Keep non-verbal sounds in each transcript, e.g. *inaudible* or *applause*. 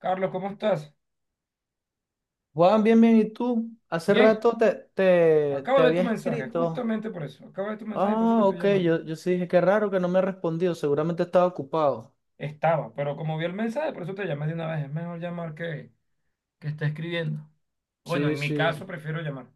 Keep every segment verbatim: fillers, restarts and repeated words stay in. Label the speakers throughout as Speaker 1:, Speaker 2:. Speaker 1: Carlos, ¿cómo estás?
Speaker 2: Juan, bien, bien, ¿y tú? Hace
Speaker 1: Bien,
Speaker 2: rato te,
Speaker 1: a-
Speaker 2: te,
Speaker 1: acabo
Speaker 2: te
Speaker 1: de ver tu
Speaker 2: había
Speaker 1: mensaje,
Speaker 2: escrito.
Speaker 1: justamente por eso. Acabo de ver tu mensaje y por eso te
Speaker 2: Ah,
Speaker 1: estoy
Speaker 2: ok,
Speaker 1: llamando.
Speaker 2: yo, yo sí dije, qué raro que no me ha respondido, seguramente estaba ocupado.
Speaker 1: Estaba, pero como vi el mensaje, por eso te llamé de una vez. Es mejor llamar que, que está escribiendo. Bueno,
Speaker 2: Sí,
Speaker 1: en mi
Speaker 2: sí.
Speaker 1: caso prefiero llamar.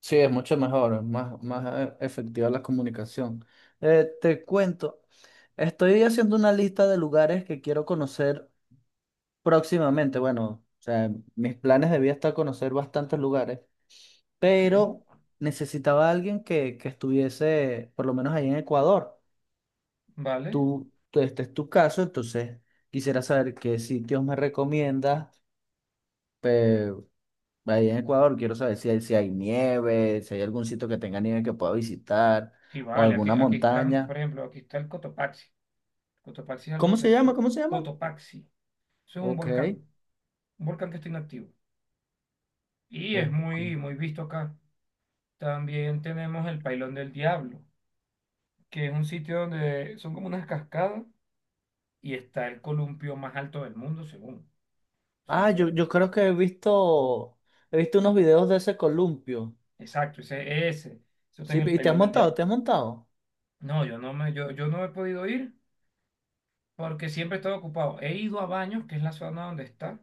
Speaker 2: Sí, es mucho mejor, es más, más eh, efectiva la comunicación. Eh, te cuento, estoy haciendo una lista de lugares que quiero conocer próximamente. Bueno, o sea, mis planes de vida está conocer bastantes lugares,
Speaker 1: Ok,
Speaker 2: pero necesitaba a alguien que, que estuviese, por lo menos ahí en Ecuador.
Speaker 1: vale.
Speaker 2: Tú, tú- este es tu caso, entonces quisiera saber qué sitios me recomiendas. eh, Ahí en Ecuador quiero saber si hay, si hay nieve, si hay algún sitio que tenga nieve que pueda visitar
Speaker 1: Sí,
Speaker 2: o
Speaker 1: vale, aquí,
Speaker 2: alguna
Speaker 1: aquí están,
Speaker 2: montaña.
Speaker 1: por ejemplo, aquí está el Cotopaxi. Cotopaxi es algo
Speaker 2: ¿Cómo
Speaker 1: donde
Speaker 2: se llama?
Speaker 1: su...
Speaker 2: ¿Cómo se llama?
Speaker 1: Cotopaxi. Eso es un
Speaker 2: Ok,
Speaker 1: volcán, un volcán que está inactivo. Y es
Speaker 2: ok.
Speaker 1: muy, muy visto acá. También tenemos el Pailón del Diablo, que es un sitio donde son como unas cascadas y está el columpio más alto del mundo, según. O sea,
Speaker 2: Ah,
Speaker 1: yo,
Speaker 2: yo, yo creo que he visto, he visto unos videos de ese columpio.
Speaker 1: exacto, ese, ese, eso está en
Speaker 2: Sí,
Speaker 1: el
Speaker 2: ¿y te has
Speaker 1: Pailón del
Speaker 2: montado?
Speaker 1: Diablo.
Speaker 2: ¿Te has montado?
Speaker 1: No, yo no me, yo, yo no he podido ir porque siempre he estado ocupado. He ido a Baños, que es la zona donde está,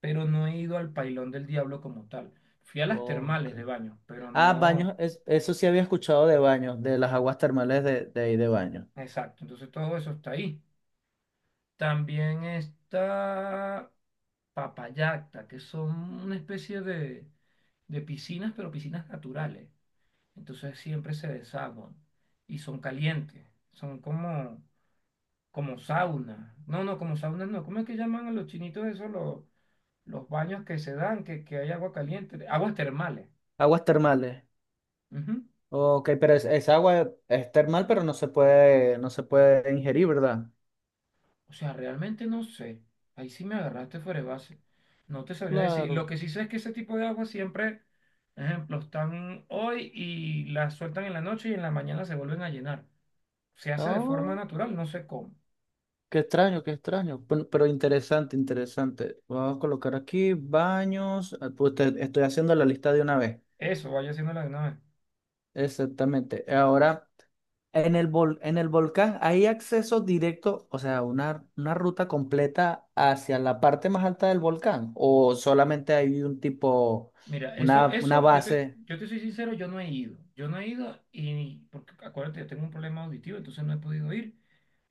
Speaker 1: pero no he ido al Pailón del Diablo como tal. Fui a las
Speaker 2: Ok.
Speaker 1: termales de Baños, pero
Speaker 2: Ah,
Speaker 1: no,
Speaker 2: baños, es- eso sí había escuchado de baños, de las aguas termales de, de ahí de baños.
Speaker 1: exacto, entonces todo eso está ahí. También está Papayacta, que son una especie de, de piscinas, pero piscinas naturales. Entonces siempre se desaguan y son calientes. Son como, como sauna. No, no, como sauna no. ¿Cómo es que llaman a los chinitos eso los, los baños que se dan, que, que hay agua caliente? Aguas termales.
Speaker 2: Aguas termales.
Speaker 1: Ujú.
Speaker 2: Ok, pero es, es agua es termal, pero no se puede, no se puede ingerir, ¿verdad?
Speaker 1: O sea, realmente no sé. Ahí sí me agarraste fuera de base. No te sabría decir.
Speaker 2: Claro.
Speaker 1: Lo que sí sé es que ese tipo de agua siempre, ejemplo, están hoy y las sueltan en la noche y en la mañana se vuelven a llenar. Se hace de forma
Speaker 2: No,
Speaker 1: natural, no sé cómo.
Speaker 2: qué extraño, qué extraño. Pero, pero interesante, interesante. Vamos a colocar aquí baños. Ah, pues te- estoy haciendo la lista de una vez.
Speaker 1: Eso, vaya haciéndolo de una vez.
Speaker 2: Exactamente. Ahora, en el vol- en el volcán hay acceso directo, o sea, una, una ruta completa hacia la parte más alta del volcán. O solamente hay un tipo,
Speaker 1: Mira, eso,
Speaker 2: una, una
Speaker 1: eso, yo te,
Speaker 2: base.
Speaker 1: yo te soy sincero, yo no he ido. Yo no he ido y, porque acuérdate, yo tengo un problema auditivo, entonces no he podido ir,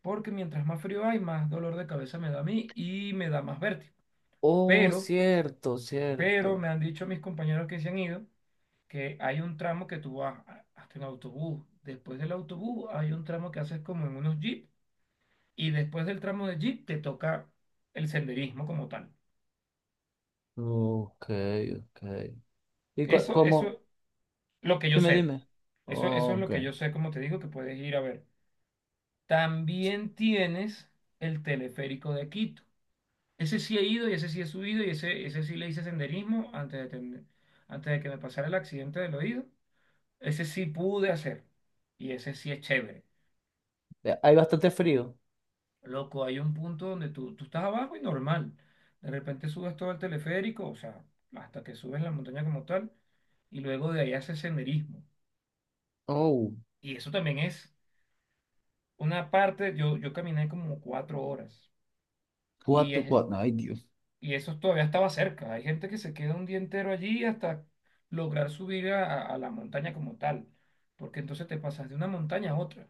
Speaker 1: porque mientras más frío hay, más dolor de cabeza me da a mí y me da más vértigo.
Speaker 2: Oh,
Speaker 1: Pero,
Speaker 2: cierto,
Speaker 1: pero
Speaker 2: cierto.
Speaker 1: me han dicho mis compañeros que se han ido, que hay un tramo que tú vas a- hasta en autobús. Después del autobús hay un tramo que haces como en unos jeep y después del tramo de jeep te toca el senderismo como tal.
Speaker 2: Ok, ok. ¿Y cu-
Speaker 1: Eso,
Speaker 2: cómo?
Speaker 1: eso, lo que yo
Speaker 2: Dime,
Speaker 1: sé.
Speaker 2: dime.
Speaker 1: Eso, eso es lo
Speaker 2: Ok.
Speaker 1: que yo sé, como te digo, que puedes ir a ver. También tienes el teleférico de Quito. Ese sí he ido y ese sí he subido y ese, ese sí le hice senderismo antes de, tener- antes de que me pasara el accidente del oído. Ese sí pude hacer y ese sí es chévere.
Speaker 2: Eh, Hay bastante frío.
Speaker 1: Loco, hay un punto donde tú, tú estás abajo y normal. De repente subes todo el teleférico, o sea, hasta que subes la montaña como tal y luego de ahí haces senderismo.
Speaker 2: Oh,
Speaker 1: Y eso también es una parte, yo, yo caminé como cuatro horas y
Speaker 2: cuatro,
Speaker 1: es,
Speaker 2: cuatro, ay Dios.
Speaker 1: y eso todavía estaba cerca. Hay gente que se queda un día entero allí hasta lograr subir a, a- a la montaña como tal, porque entonces te pasas de una montaña a otra.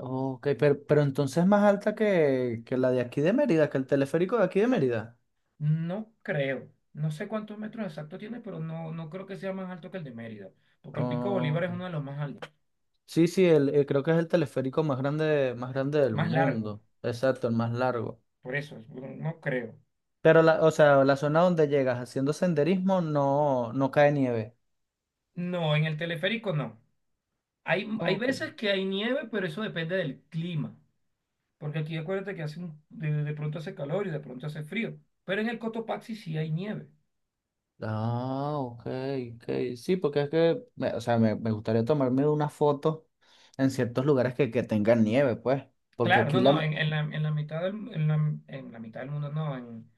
Speaker 2: Ok, pero, pero entonces es más alta que, que la de aquí de Mérida, que el teleférico de aquí de Mérida.
Speaker 1: No creo, no sé cuántos metros exactos tiene, pero no, no creo que sea más alto que el de Mérida, porque el Pico Bolívar es uno
Speaker 2: Ok.
Speaker 1: de los más altos,
Speaker 2: Sí, sí, el, eh, creo que es el teleférico más grande, más grande del
Speaker 1: más largo,
Speaker 2: mundo. Exacto, el más largo.
Speaker 1: por eso, no no creo.
Speaker 2: Pero la, o sea, la zona donde llegas haciendo senderismo no, no cae nieve.
Speaker 1: No, en el teleférico no. Hay, hay
Speaker 2: Ok.
Speaker 1: veces que hay nieve, pero eso depende del clima, porque aquí acuérdate que hace un- de, de pronto hace calor y de pronto hace frío, pero en el Cotopaxi sí hay nieve.
Speaker 2: Ah, ok, ok. Sí, porque es que, me- o sea, me, me gustaría tomarme una foto en ciertos lugares que, que tengan nieve, pues. Porque
Speaker 1: Claro, no,
Speaker 2: aquí
Speaker 1: no,
Speaker 2: la...
Speaker 1: en, en la, en la mitad del, en la, en la mitad del mundo no, en,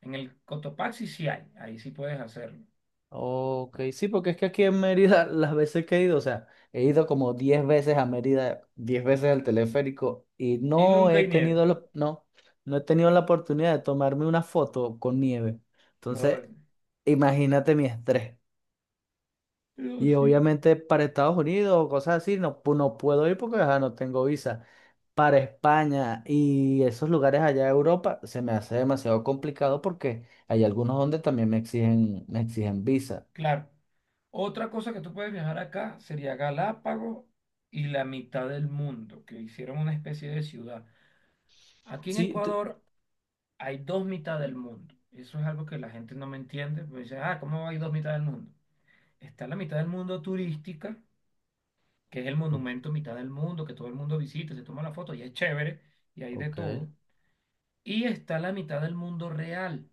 Speaker 1: en el Cotopaxi sí hay, ahí sí puedes hacerlo.
Speaker 2: Ok, sí, porque es que aquí en Mérida, *laughs* las veces que he ido, o sea, he ido como diez veces a Mérida, diez veces al teleférico y
Speaker 1: Y
Speaker 2: no
Speaker 1: nunca
Speaker 2: he
Speaker 1: hay nieve.
Speaker 2: tenido, lo- no, no he tenido la oportunidad de tomarme una foto con nieve.
Speaker 1: No, es-
Speaker 2: Entonces, imagínate mi estrés.
Speaker 1: pero
Speaker 2: Y
Speaker 1: sí,
Speaker 2: obviamente para Estados Unidos o cosas así, no, pu- no puedo ir porque ajá, no tengo visa. Para España y esos lugares allá de Europa se me hace demasiado complicado porque hay algunos donde también me exigen, me exigen visa.
Speaker 1: claro. Otra cosa que tú puedes viajar acá sería Galápagos y la mitad del mundo, que hicieron una especie de ciudad. Aquí en
Speaker 2: Sí, t-
Speaker 1: Ecuador hay dos mitad del mundo. Eso es algo que la gente no me entiende, pues dice, ah, ¿cómo hay dos mitad del mundo? Está la mitad del mundo turística que es el
Speaker 2: O-
Speaker 1: monumento mitad del mundo, que todo el mundo visita, se toma la foto y es chévere y hay de
Speaker 2: ok.
Speaker 1: todo. Y está la mitad del mundo real,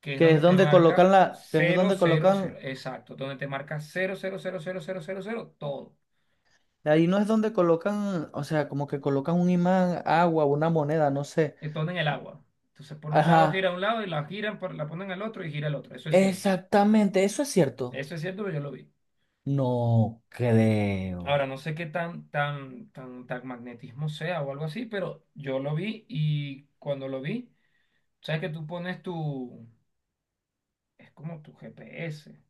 Speaker 1: que es
Speaker 2: Que
Speaker 1: donde
Speaker 2: es
Speaker 1: te
Speaker 2: donde colocan
Speaker 1: marca
Speaker 2: la, que es
Speaker 1: cero
Speaker 2: donde
Speaker 1: cero
Speaker 2: colocan,
Speaker 1: cero exacto, donde te marca cero cero cero cero cero cero cero todo.
Speaker 2: ahí no es donde colocan, o sea, como que colocan un imán, agua, una moneda, no sé.
Speaker 1: eh, Todo en el agua. Entonces por un lado
Speaker 2: Ajá,
Speaker 1: gira a un lado y la giran, por- la ponen al otro y gira al otro. Eso es cierto.
Speaker 2: exactamente, eso es cierto.
Speaker 1: Eso es cierto, pero yo lo vi.
Speaker 2: No creo.
Speaker 1: Ahora, no sé qué tan, tan, tan, tan magnetismo sea o algo así, pero yo lo vi y cuando lo vi, sabes que tú pones tu, es como tu G P S,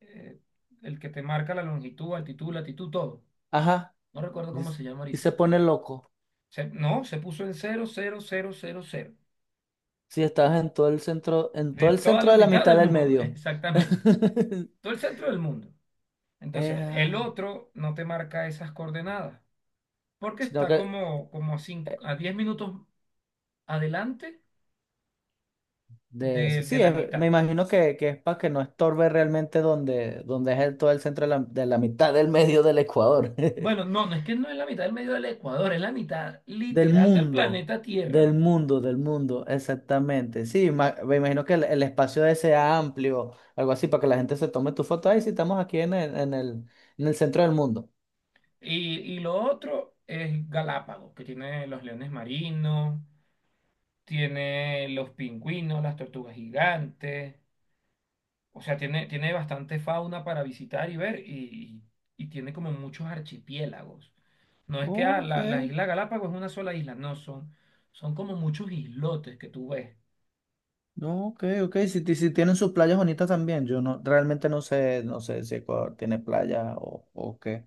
Speaker 1: eh, el que te marca la longitud, altitud, latitud, todo.
Speaker 2: Ajá,
Speaker 1: No recuerdo
Speaker 2: y,
Speaker 1: cómo
Speaker 2: s-
Speaker 1: se llama
Speaker 2: y
Speaker 1: ahorita.
Speaker 2: se pone loco.
Speaker 1: Se- no, se puso en cero cero cero cero cero
Speaker 2: Si estás en todo el centro, en todo
Speaker 1: de
Speaker 2: el
Speaker 1: toda
Speaker 2: centro
Speaker 1: la
Speaker 2: de la
Speaker 1: mitad
Speaker 2: mitad
Speaker 1: del
Speaker 2: del
Speaker 1: mundo, *laughs*
Speaker 2: medio.
Speaker 1: exactamente.
Speaker 2: *laughs*
Speaker 1: Todo el centro del mundo. Entonces, el
Speaker 2: Eh,
Speaker 1: otro no te marca esas coordenadas, porque
Speaker 2: sino
Speaker 1: está
Speaker 2: que
Speaker 1: como, como a, cin- a diez minutos adelante
Speaker 2: de,
Speaker 1: de, de
Speaker 2: sí,
Speaker 1: la
Speaker 2: es- me
Speaker 1: mitad.
Speaker 2: imagino que, que es para que no estorbe realmente donde, donde es el- todo el centro de la, de la mitad del medio del Ecuador.
Speaker 1: Bueno,
Speaker 2: *laughs*
Speaker 1: no, no es que no es la mitad del medio del Ecuador, es la mitad
Speaker 2: Del
Speaker 1: literal del
Speaker 2: mundo,
Speaker 1: planeta Tierra.
Speaker 2: del mundo, del mundo, exactamente. Sí, ma- me imagino que el, el espacio de sea amplio, algo así, para que la gente se tome tu foto. Ahí sí, estamos aquí en el, en el, en el centro del mundo.
Speaker 1: Y, y lo otro es Galápagos, que tiene los leones marinos, tiene los pingüinos, las tortugas gigantes. O sea, tiene, tiene bastante fauna para visitar y ver y, y tiene como muchos archipiélagos. No es que ah,
Speaker 2: Ok.
Speaker 1: la, la isla Galápagos es una sola isla, no, son, son como muchos islotes que tú ves.
Speaker 2: No, ok, ok. Si, ti- si tienen sus playas bonitas también. Yo no, realmente no sé, no sé si Ecuador tiene playa o, o qué.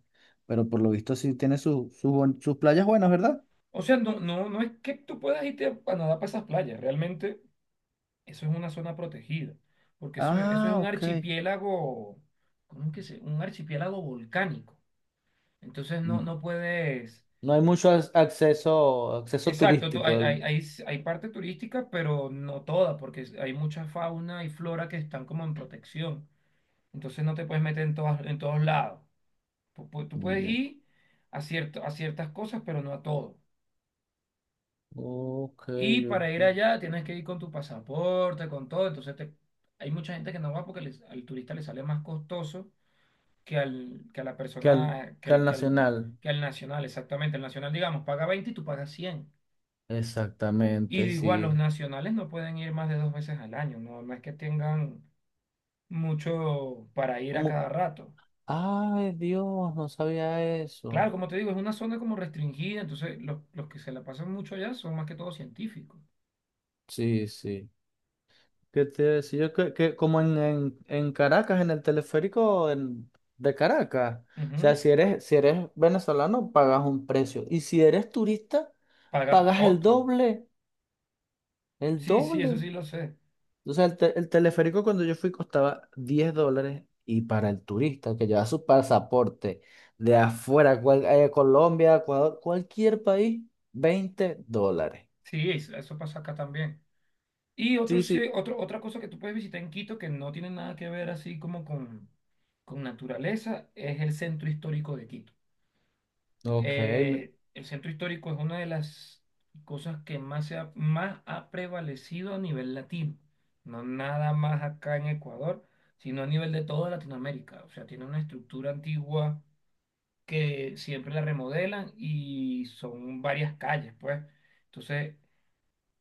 Speaker 2: Pero por lo visto sí tiene su- su buen- sus playas buenas, ¿verdad?
Speaker 1: O sea, no, no, no es que tú puedas irte a nadar para esas playas, realmente eso es una zona protegida, porque eso, es- eso es
Speaker 2: Ah,
Speaker 1: un
Speaker 2: ok.
Speaker 1: archipiélago, ¿cómo es que se? Un archipiélago volcánico. Entonces no,
Speaker 2: Mm.
Speaker 1: no puedes...
Speaker 2: No hay mucho ac- acceso, acceso
Speaker 1: Exacto, tú-
Speaker 2: turístico.
Speaker 1: hay, hay,
Speaker 2: del-
Speaker 1: hay, s- hay parte turística, pero no toda, porque es- hay mucha fauna y flora que están como en protección. Entonces no te puedes meter en, todas, en todos lados. Tú, pu- tú puedes
Speaker 2: Ya.
Speaker 1: ir a, cierto, a ciertas cosas, pero no a todo.
Speaker 2: Ok,
Speaker 1: Y para ir
Speaker 2: ok.
Speaker 1: allá tienes que ir con tu pasaporte, con todo. Entonces te- hay mucha gente que no va porque les- al turista le sale más costoso que al, que a la
Speaker 2: Que al,
Speaker 1: persona, que
Speaker 2: que
Speaker 1: al,
Speaker 2: al
Speaker 1: que al,
Speaker 2: nacional.
Speaker 1: que al nacional, exactamente. El nacional, digamos, paga veinte y tú pagas cien. Y
Speaker 2: Exactamente,
Speaker 1: igual los
Speaker 2: sí.
Speaker 1: nacionales no pueden ir más de dos veces al año, no, no es que tengan mucho para ir a
Speaker 2: Mu-
Speaker 1: cada rato.
Speaker 2: Ay, Dios, no sabía eso.
Speaker 1: Claro, como te digo, es una zona como restringida, entonces los, los que se la pasan mucho allá son más que todo científicos.
Speaker 2: Sí, sí. ¿Qué te iba a decir? Yo que, que como en, en, en Caracas, en el teleférico en- de Caracas. O
Speaker 1: Ujú.
Speaker 2: sea, si eres, si eres venezolano, pagas un precio. Y si eres turista,
Speaker 1: Pagas
Speaker 2: pagas el
Speaker 1: otro.
Speaker 2: doble. El
Speaker 1: Sí, sí,
Speaker 2: doble.
Speaker 1: eso sí lo sé.
Speaker 2: O sea, el, te- el teleférico cuando yo fui costaba diez dólares. Y para el turista que lleva su pasaporte de afuera, cual- eh, Colombia, Ecuador, cualquier país, veinte dólares.
Speaker 1: Sí, es- eso pasa acá también. Y otro,
Speaker 2: Sí,
Speaker 1: se-
Speaker 2: sí.
Speaker 1: otro, otra cosa que tú puedes visitar en Quito que no tiene nada que ver así como con, con naturaleza es el centro histórico de Quito.
Speaker 2: Ok. me-
Speaker 1: Eh, el centro histórico es una de las cosas que más, se ha, más ha prevalecido a nivel latino, no nada más acá en Ecuador, sino a nivel de toda Latinoamérica. O sea, tiene una estructura antigua que siempre la remodelan y son varias calles, pues. Entonces,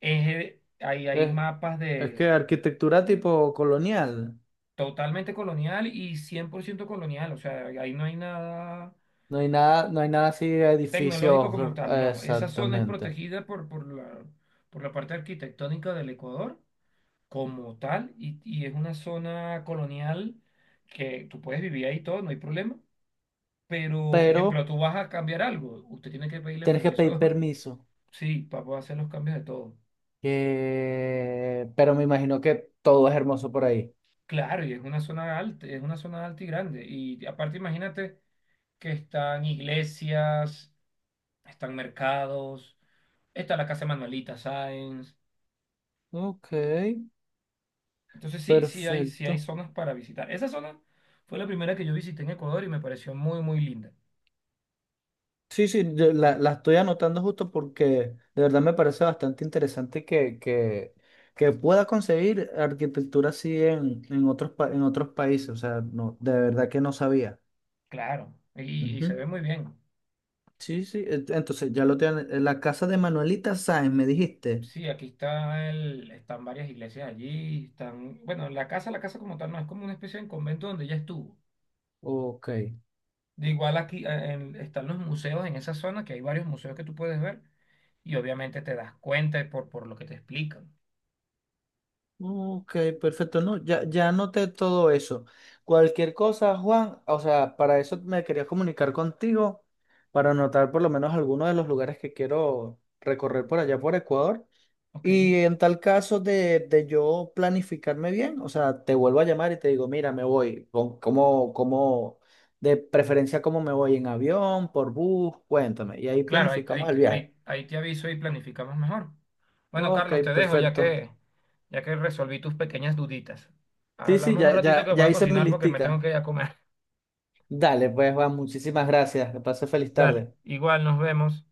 Speaker 1: es, eh, ahí hay
Speaker 2: Es,
Speaker 1: mapas
Speaker 2: es
Speaker 1: de
Speaker 2: que arquitectura tipo colonial.
Speaker 1: totalmente colonial y cien por ciento colonial, o sea, ahí no hay nada
Speaker 2: No hay nada, no hay nada así de
Speaker 1: tecnológico
Speaker 2: edificios
Speaker 1: como tal,
Speaker 2: eh,
Speaker 1: no. Esa zona es
Speaker 2: exactamente.
Speaker 1: protegida por, por la, por la parte arquitectónica del Ecuador como tal y, y es una zona colonial que tú puedes vivir ahí todo, no hay problema. Pero, ejemplo,
Speaker 2: Pero
Speaker 1: tú vas a cambiar algo, usted tiene que pedirle
Speaker 2: tienes que pedir
Speaker 1: permiso, *laughs*
Speaker 2: permiso.
Speaker 1: sí, para poder hacer los cambios de todo.
Speaker 2: que- Pero me imagino que todo es hermoso por ahí.
Speaker 1: Claro, y es una zona alta, es una zona alta y grande. Y aparte, imagínate que están iglesias están mercados, está la Casa de Manuelita Sáenz.
Speaker 2: Ok,
Speaker 1: Entonces sí, sí hay, sí hay
Speaker 2: perfecto.
Speaker 1: zonas para visitar. Esa zona fue la primera que yo visité en Ecuador y me pareció muy, muy linda.
Speaker 2: Sí, sí, yo la, la estoy anotando justo porque de verdad me parece bastante interesante que, que, que pueda conseguir arquitectura así en, en otros, pa- en otros países. O sea, no, de verdad que no sabía.
Speaker 1: Claro, y, y se
Speaker 2: Ujú.
Speaker 1: ve muy bien.
Speaker 2: Sí, sí, ent- entonces ya lo tienen. La casa de Manuelita Sáenz, me dijiste.
Speaker 1: Sí, aquí está el, están varias iglesias allí, están, bueno, la casa, la casa como tal no es como una especie de convento donde ya estuvo.
Speaker 2: Ok,
Speaker 1: De igual aquí eh, en- están los museos en esa zona, que hay varios museos que tú puedes ver y obviamente te das cuenta por, por lo que te explican.
Speaker 2: ok, perfecto. No, ya, ya anoté todo eso. Cualquier cosa, Juan, o sea, para eso me quería comunicar contigo, para anotar por lo menos algunos de los lugares que quiero recorrer por allá por Ecuador.
Speaker 1: Ok.
Speaker 2: Y en tal caso de, de yo planificarme bien, o sea, te vuelvo a llamar y te digo, mira, me voy, con- ¿cómo, cómo, de preferencia cómo me voy en avión, por bus, cuéntame. Y ahí
Speaker 1: Claro, ahí,
Speaker 2: planificamos
Speaker 1: ahí,
Speaker 2: el viaje.
Speaker 1: ahí, ahí te aviso y planificamos mejor. Bueno,
Speaker 2: Ok,
Speaker 1: Carlos, te dejo ya
Speaker 2: perfecto.
Speaker 1: que, ya que resolví tus pequeñas duditas.
Speaker 2: Sí, sí,
Speaker 1: Hablamos un
Speaker 2: ya,
Speaker 1: ratito
Speaker 2: ya,
Speaker 1: que voy
Speaker 2: ya
Speaker 1: a
Speaker 2: hice mi
Speaker 1: cocinar porque me tengo
Speaker 2: listica.
Speaker 1: que ir a comer.
Speaker 2: Dale, pues Juan, muchísimas gracias. Que pase feliz
Speaker 1: *laughs* Dale,
Speaker 2: tarde.
Speaker 1: igual nos vemos.